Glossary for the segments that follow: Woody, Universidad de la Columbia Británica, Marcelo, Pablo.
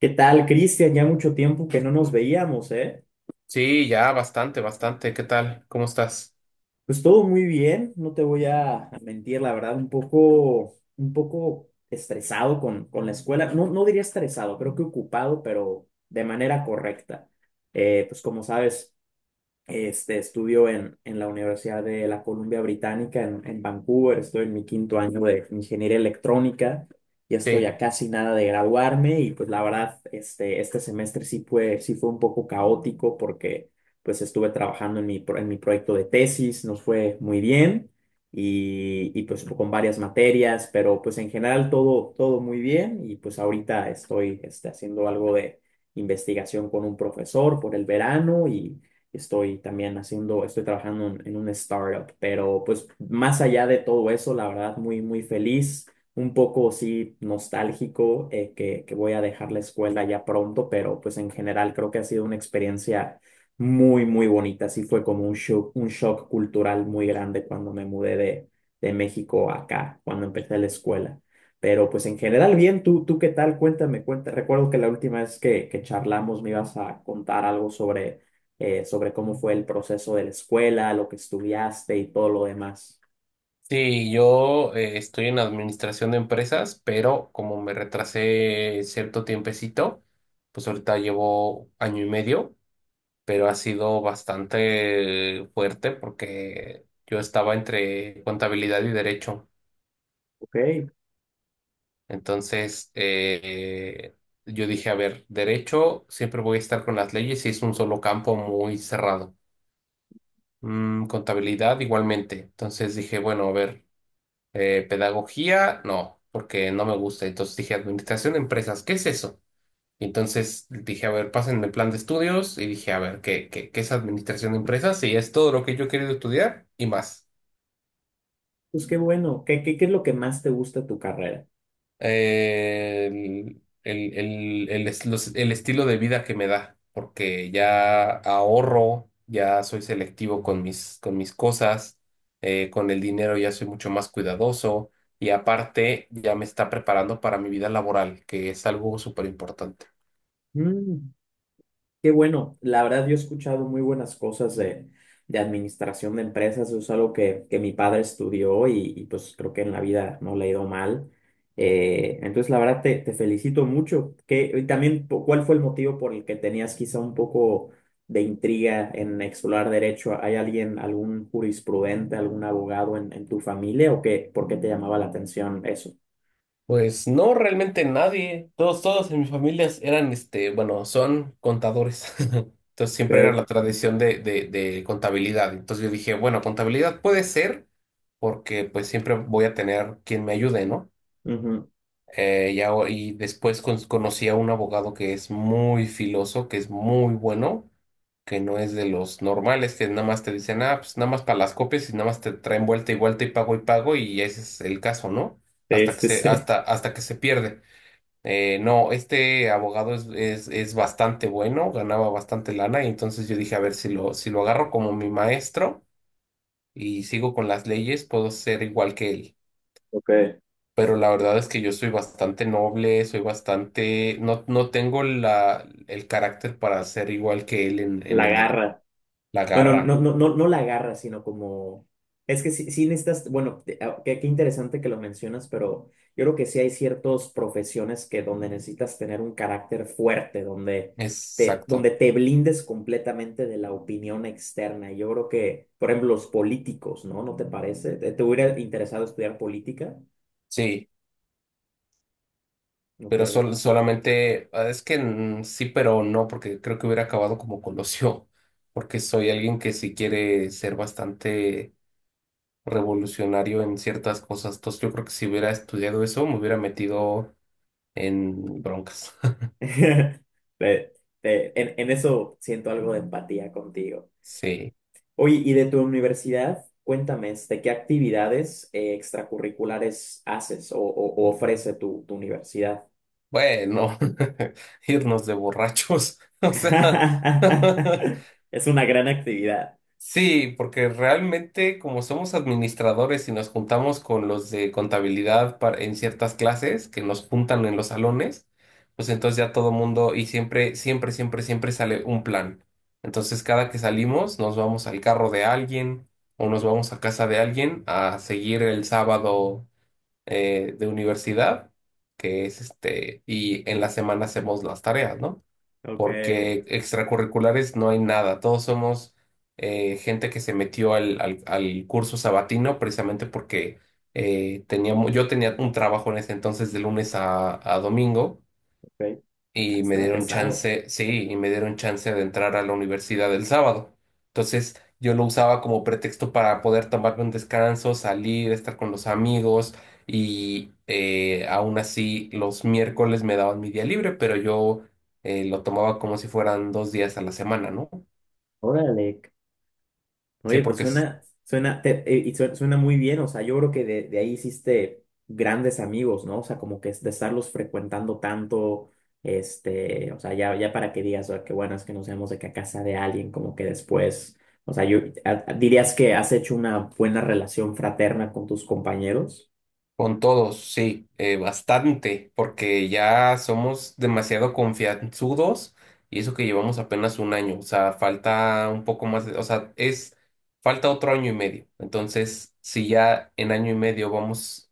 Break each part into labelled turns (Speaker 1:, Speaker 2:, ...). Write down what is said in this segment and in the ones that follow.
Speaker 1: ¿Qué tal, Cristian? Ya mucho tiempo que no nos veíamos, ¿eh?
Speaker 2: Sí, ya, bastante, bastante. ¿Qué tal? ¿Cómo estás?
Speaker 1: Pues todo muy bien, no te voy a mentir, la verdad, un poco estresado con la escuela. No, no diría estresado, creo que ocupado, pero de manera correcta. Pues, como sabes, estudio en la Universidad de la Columbia Británica en Vancouver. Estoy en mi quinto año de ingeniería electrónica. Ya estoy
Speaker 2: Sí,
Speaker 1: a casi nada de graduarme y, pues la verdad, este semestre sí fue un poco caótico, porque pues estuve trabajando en en mi proyecto de tesis, nos fue muy bien y pues con varias materias. Pero pues en general, todo muy bien, y pues ahorita estoy haciendo algo de investigación con un profesor por el verano. Estoy trabajando en un startup. Pero pues más allá de todo eso, la verdad, muy, muy feliz, un poco sí nostálgico, que voy a dejar la escuela ya pronto, pero pues en general creo que ha sido una experiencia muy, muy bonita. Sí, fue como un shock cultural muy grande cuando me mudé de México acá, cuando empecé la escuela. Pero pues en general bien. ¿Tú qué tal? Cuéntame, cuéntame. Recuerdo que la última vez que charlamos me ibas a contar algo sobre cómo fue el proceso de la escuela, lo que estudiaste y todo lo demás.
Speaker 2: sí, yo estoy en administración de empresas, pero como me retrasé cierto tiempecito, pues ahorita llevo año y medio, pero ha sido bastante fuerte porque yo estaba entre contabilidad y derecho.
Speaker 1: Ok,
Speaker 2: Entonces, yo dije, a ver, derecho, siempre voy a estar con las leyes y es un solo campo muy cerrado. Mm, contabilidad igualmente. Entonces dije, bueno, a ver, pedagogía, no, porque no me gusta. Entonces dije, administración de empresas, ¿qué es eso? Y entonces dije, a ver, pásenme el plan de estudios y dije, a ver, ¿qué es administración de empresas? Y es todo lo que yo he querido estudiar y más.
Speaker 1: pues qué bueno. ¿Qué es lo que más te gusta de tu carrera?
Speaker 2: eh, el, el, el estilo de vida que me da, porque ya ahorro, ya soy selectivo con mis cosas, con el dinero ya soy mucho más cuidadoso y aparte ya me está preparando para mi vida laboral, que es algo súper importante.
Speaker 1: Mm. Qué bueno, la verdad yo he escuchado muy buenas cosas de administración de empresas. Eso es algo que mi padre estudió, y pues creo que en la vida no le ha ido mal. Entonces, la verdad, te felicito mucho. Y también, ¿cuál fue el motivo por el que tenías quizá un poco de intriga en explorar derecho? ¿Hay alguien, algún jurisprudente, algún abogado en tu familia, o qué? ¿Por qué te llamaba la atención eso?
Speaker 2: Pues no, realmente nadie. Todos, todos en mis familias eran, este, bueno, son contadores. Entonces siempre era
Speaker 1: Ok.
Speaker 2: la tradición de contabilidad. Entonces yo dije, bueno, contabilidad puede ser porque pues siempre voy a tener quien me ayude, ¿no?
Speaker 1: Ujú.
Speaker 2: Y después conocí a un abogado que es muy filoso, que es muy bueno, que no es de los normales, que nada más te dicen, ah, pues nada más para las copias y nada más te traen vuelta y vuelta y pago y pago y ese es el caso, ¿no?
Speaker 1: Sí,
Speaker 2: Hasta que
Speaker 1: sí,
Speaker 2: se,
Speaker 1: sí.
Speaker 2: hasta, hasta que se pierde. No, este abogado es bastante bueno, ganaba bastante lana y entonces yo dije, a ver, si lo agarro como mi maestro y sigo con las leyes, puedo ser igual que él.
Speaker 1: Ok.
Speaker 2: Pero la verdad es que yo soy bastante noble, soy bastante, no, no tengo la, el carácter para ser igual que él en
Speaker 1: La
Speaker 2: el derecho.
Speaker 1: garra.
Speaker 2: La
Speaker 1: Bueno,
Speaker 2: garra,
Speaker 1: no, no, no, no la agarra, sino como. Es que sí, sí necesitas. Bueno, qué interesante que lo mencionas, pero yo creo que sí hay ciertas profesiones que donde necesitas tener un carácter fuerte, donde te,
Speaker 2: exacto.
Speaker 1: donde te blindes completamente de la opinión externa. Yo creo que, por ejemplo, los políticos, ¿no? ¿No te parece? ¿Te hubiera interesado estudiar política?
Speaker 2: Sí.
Speaker 1: Ok.
Speaker 2: Pero solamente, ah, es que sí, pero no, porque creo que hubiera acabado como Colosio, porque soy alguien que sí quiere ser bastante revolucionario en ciertas cosas. Entonces yo creo que si hubiera estudiado eso, me hubiera metido en broncas.
Speaker 1: Te- en eso siento algo de empatía contigo.
Speaker 2: Sí.
Speaker 1: Oye, y de tu universidad, cuéntame. ¿Qué actividades extracurriculares haces, o ofrece tu universidad?
Speaker 2: Bueno, irnos de borrachos. O sea,
Speaker 1: Es una gran actividad.
Speaker 2: sí, porque realmente como somos administradores y nos juntamos con los de contabilidad en ciertas clases que nos juntan en los salones, pues entonces ya todo mundo y siempre sale un plan. Entonces cada que salimos nos vamos al carro de alguien o nos vamos a casa de alguien a seguir el sábado de universidad, que es este, y en la semana hacemos las tareas, ¿no?
Speaker 1: Ok,
Speaker 2: Porque extracurriculares no hay nada, todos somos gente que se metió al, al curso sabatino precisamente porque yo tenía un trabajo en ese entonces de lunes a domingo
Speaker 1: ok. Ah,
Speaker 2: y me
Speaker 1: estaba
Speaker 2: dieron
Speaker 1: pesado.
Speaker 2: chance, sí, y me dieron chance de entrar a la universidad el sábado. Entonces, yo lo usaba como pretexto para poder tomarme un descanso, salir, estar con los amigos y aún así los miércoles me daban mi día libre, pero yo lo tomaba como si fueran dos días a la semana, ¿no?
Speaker 1: Órale.
Speaker 2: Sí,
Speaker 1: Oye, pues suena, suena, te- y sue- suena muy bien. O sea, yo creo que de ahí hiciste grandes amigos, ¿no? O sea, como que es de estarlos frecuentando tanto. O sea, ya, ya para que digas, "Ah, qué bueno es que nos vemos", de que a casa de alguien, como que después, o sea, yo. ¿Dirías que has hecho una buena relación fraterna con tus compañeros?
Speaker 2: Con todos, sí, bastante, porque ya somos demasiado confianzudos y eso que llevamos apenas un año, o sea, falta un poco más, o sea, es, falta otro año y medio. Entonces, si ya en año y medio vamos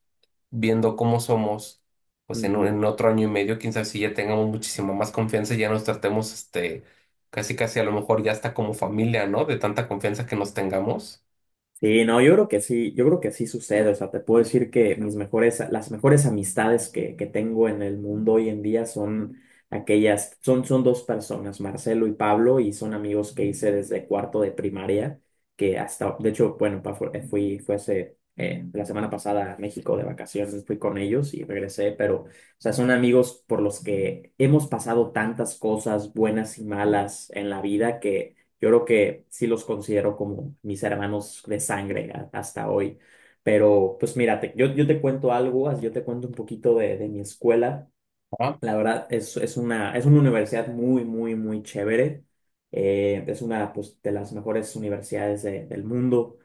Speaker 2: viendo cómo somos, pues en, en otro año y medio, quién sabe si ya tengamos muchísima más confianza y ya nos tratemos, este, casi casi a lo mejor ya hasta como familia, ¿no? De tanta confianza que nos tengamos.
Speaker 1: Sí, no, yo creo que sí, sucede. O sea, te puedo decir que las mejores amistades que tengo en el mundo hoy en día Son dos personas: Marcelo y Pablo. Y son amigos que hice desde cuarto de primaria, que hasta, de hecho, bueno, fue hace, la semana pasada, a México de vacaciones. Fui con ellos y regresé. Pero, o sea, son amigos por los que hemos pasado tantas cosas buenas y malas en la vida, que yo creo que sí los considero como mis hermanos de sangre hasta hoy. Pero pues mira, yo te cuento algo, yo te cuento un poquito de mi escuela.
Speaker 2: Ah,
Speaker 1: La verdad, es una universidad muy, muy, muy chévere. Es una, pues, de las mejores universidades del mundo,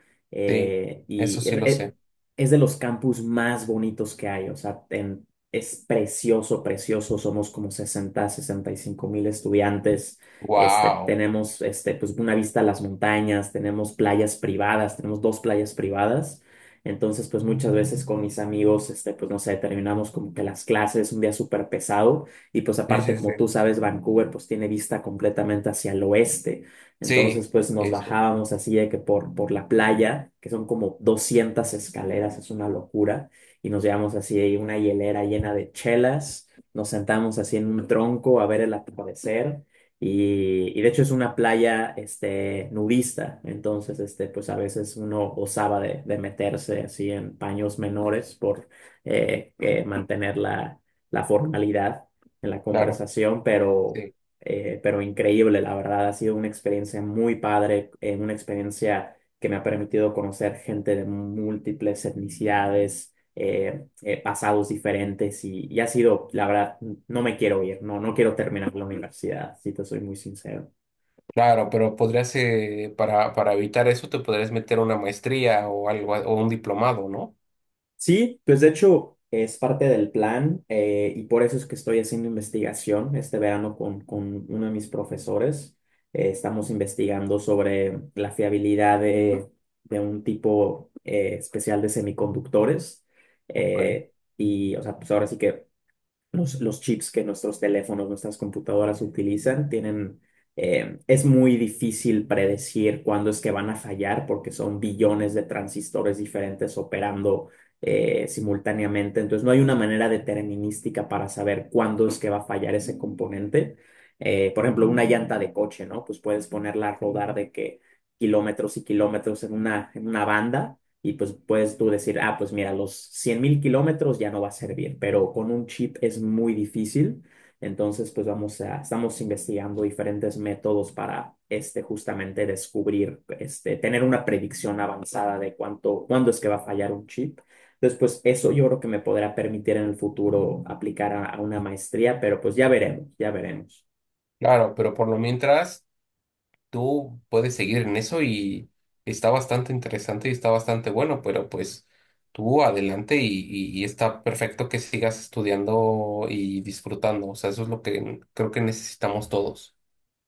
Speaker 2: sí, eso
Speaker 1: y
Speaker 2: sí
Speaker 1: es,
Speaker 2: lo
Speaker 1: es-
Speaker 2: sé.
Speaker 1: es de los campus más bonitos que hay. O sea, es precioso, precioso. Somos como 65.000 estudiantes.
Speaker 2: Wow.
Speaker 1: Tenemos, pues, una vista a las montañas. Tenemos dos playas privadas. Entonces, pues muchas veces con mis amigos, pues no sé, terminamos como que las clases un día súper pesado. Y pues aparte, como tú sabes, Vancouver pues tiene vista completamente hacia el oeste. Entonces,
Speaker 2: Sí,
Speaker 1: pues nos
Speaker 2: sí, sí,
Speaker 1: bajábamos así de que por la playa, que son como 200 escaleras, es una locura, y nos llevamos así ahí una hielera llena de chelas, nos sentamos así en un tronco a ver el atardecer. Y de hecho es una playa, nudista. Entonces, pues a veces uno osaba de meterse así en paños menores por mantener la formalidad en la
Speaker 2: claro,
Speaker 1: conversación. pero,
Speaker 2: sí,
Speaker 1: eh, pero increíble, la verdad. Ha sido una experiencia muy padre, una experiencia que me ha permitido conocer gente de múltiples etnicidades, pasados diferentes. Y ha sido, la verdad, no me quiero ir. No, no quiero terminar la universidad, si te soy muy sincero.
Speaker 2: claro, pero podrías, para evitar eso, te podrías meter una maestría o algo, o un diplomado, ¿no?
Speaker 1: Sí, pues de hecho es parte del plan, y por eso es que estoy haciendo investigación este verano con uno de mis profesores. Estamos investigando sobre la fiabilidad de un tipo especial de semiconductores.
Speaker 2: Ok,
Speaker 1: Eh, y, o sea, pues ahora sí que. Los chips que nuestros teléfonos, nuestras computadoras utilizan tienen, es muy difícil predecir cuándo es que van a fallar, porque son billones de transistores diferentes operando simultáneamente. Entonces no hay una manera determinística para saber cuándo es que va a fallar ese componente. Por ejemplo, una llanta de coche, ¿no? Pues puedes ponerla a rodar de que kilómetros y kilómetros en una banda, y pues puedes tú decir, ah, pues mira, los 100.000 kilómetros ya no va a servir. Pero con un chip es muy difícil. Entonces, pues estamos investigando diferentes métodos para, justamente descubrir, tener una predicción avanzada de cuándo es que va a fallar un chip. Entonces, pues eso yo creo que me podrá permitir en el futuro aplicar a una maestría, pero pues ya veremos, ya veremos.
Speaker 2: claro, pero por lo mientras, tú puedes seguir en eso y está bastante interesante y está bastante bueno, pero pues tú adelante y está perfecto que sigas estudiando y disfrutando, o sea, eso es lo que creo que necesitamos todos.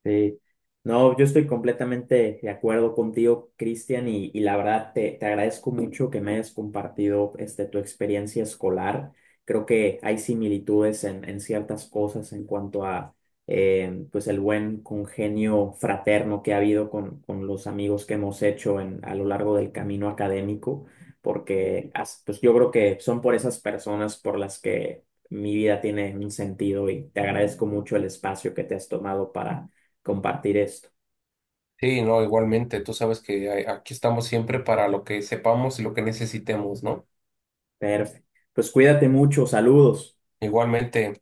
Speaker 1: Sí, no, yo estoy completamente de acuerdo contigo, Cristian, y la verdad te agradezco mucho que me hayas compartido, tu experiencia escolar. Creo que hay similitudes en ciertas cosas en cuanto a, pues el buen congenio fraterno que ha habido con los amigos que hemos hecho a lo largo del camino académico, porque pues yo creo que son por esas personas por las que mi vida tiene un sentido. Y te agradezco mucho el espacio que te has tomado para compartir esto.
Speaker 2: Sí, no, igualmente, tú sabes que aquí estamos siempre para lo que sepamos y lo que necesitemos, ¿no?
Speaker 1: Perfecto. Pues cuídate mucho, saludos.
Speaker 2: Igualmente.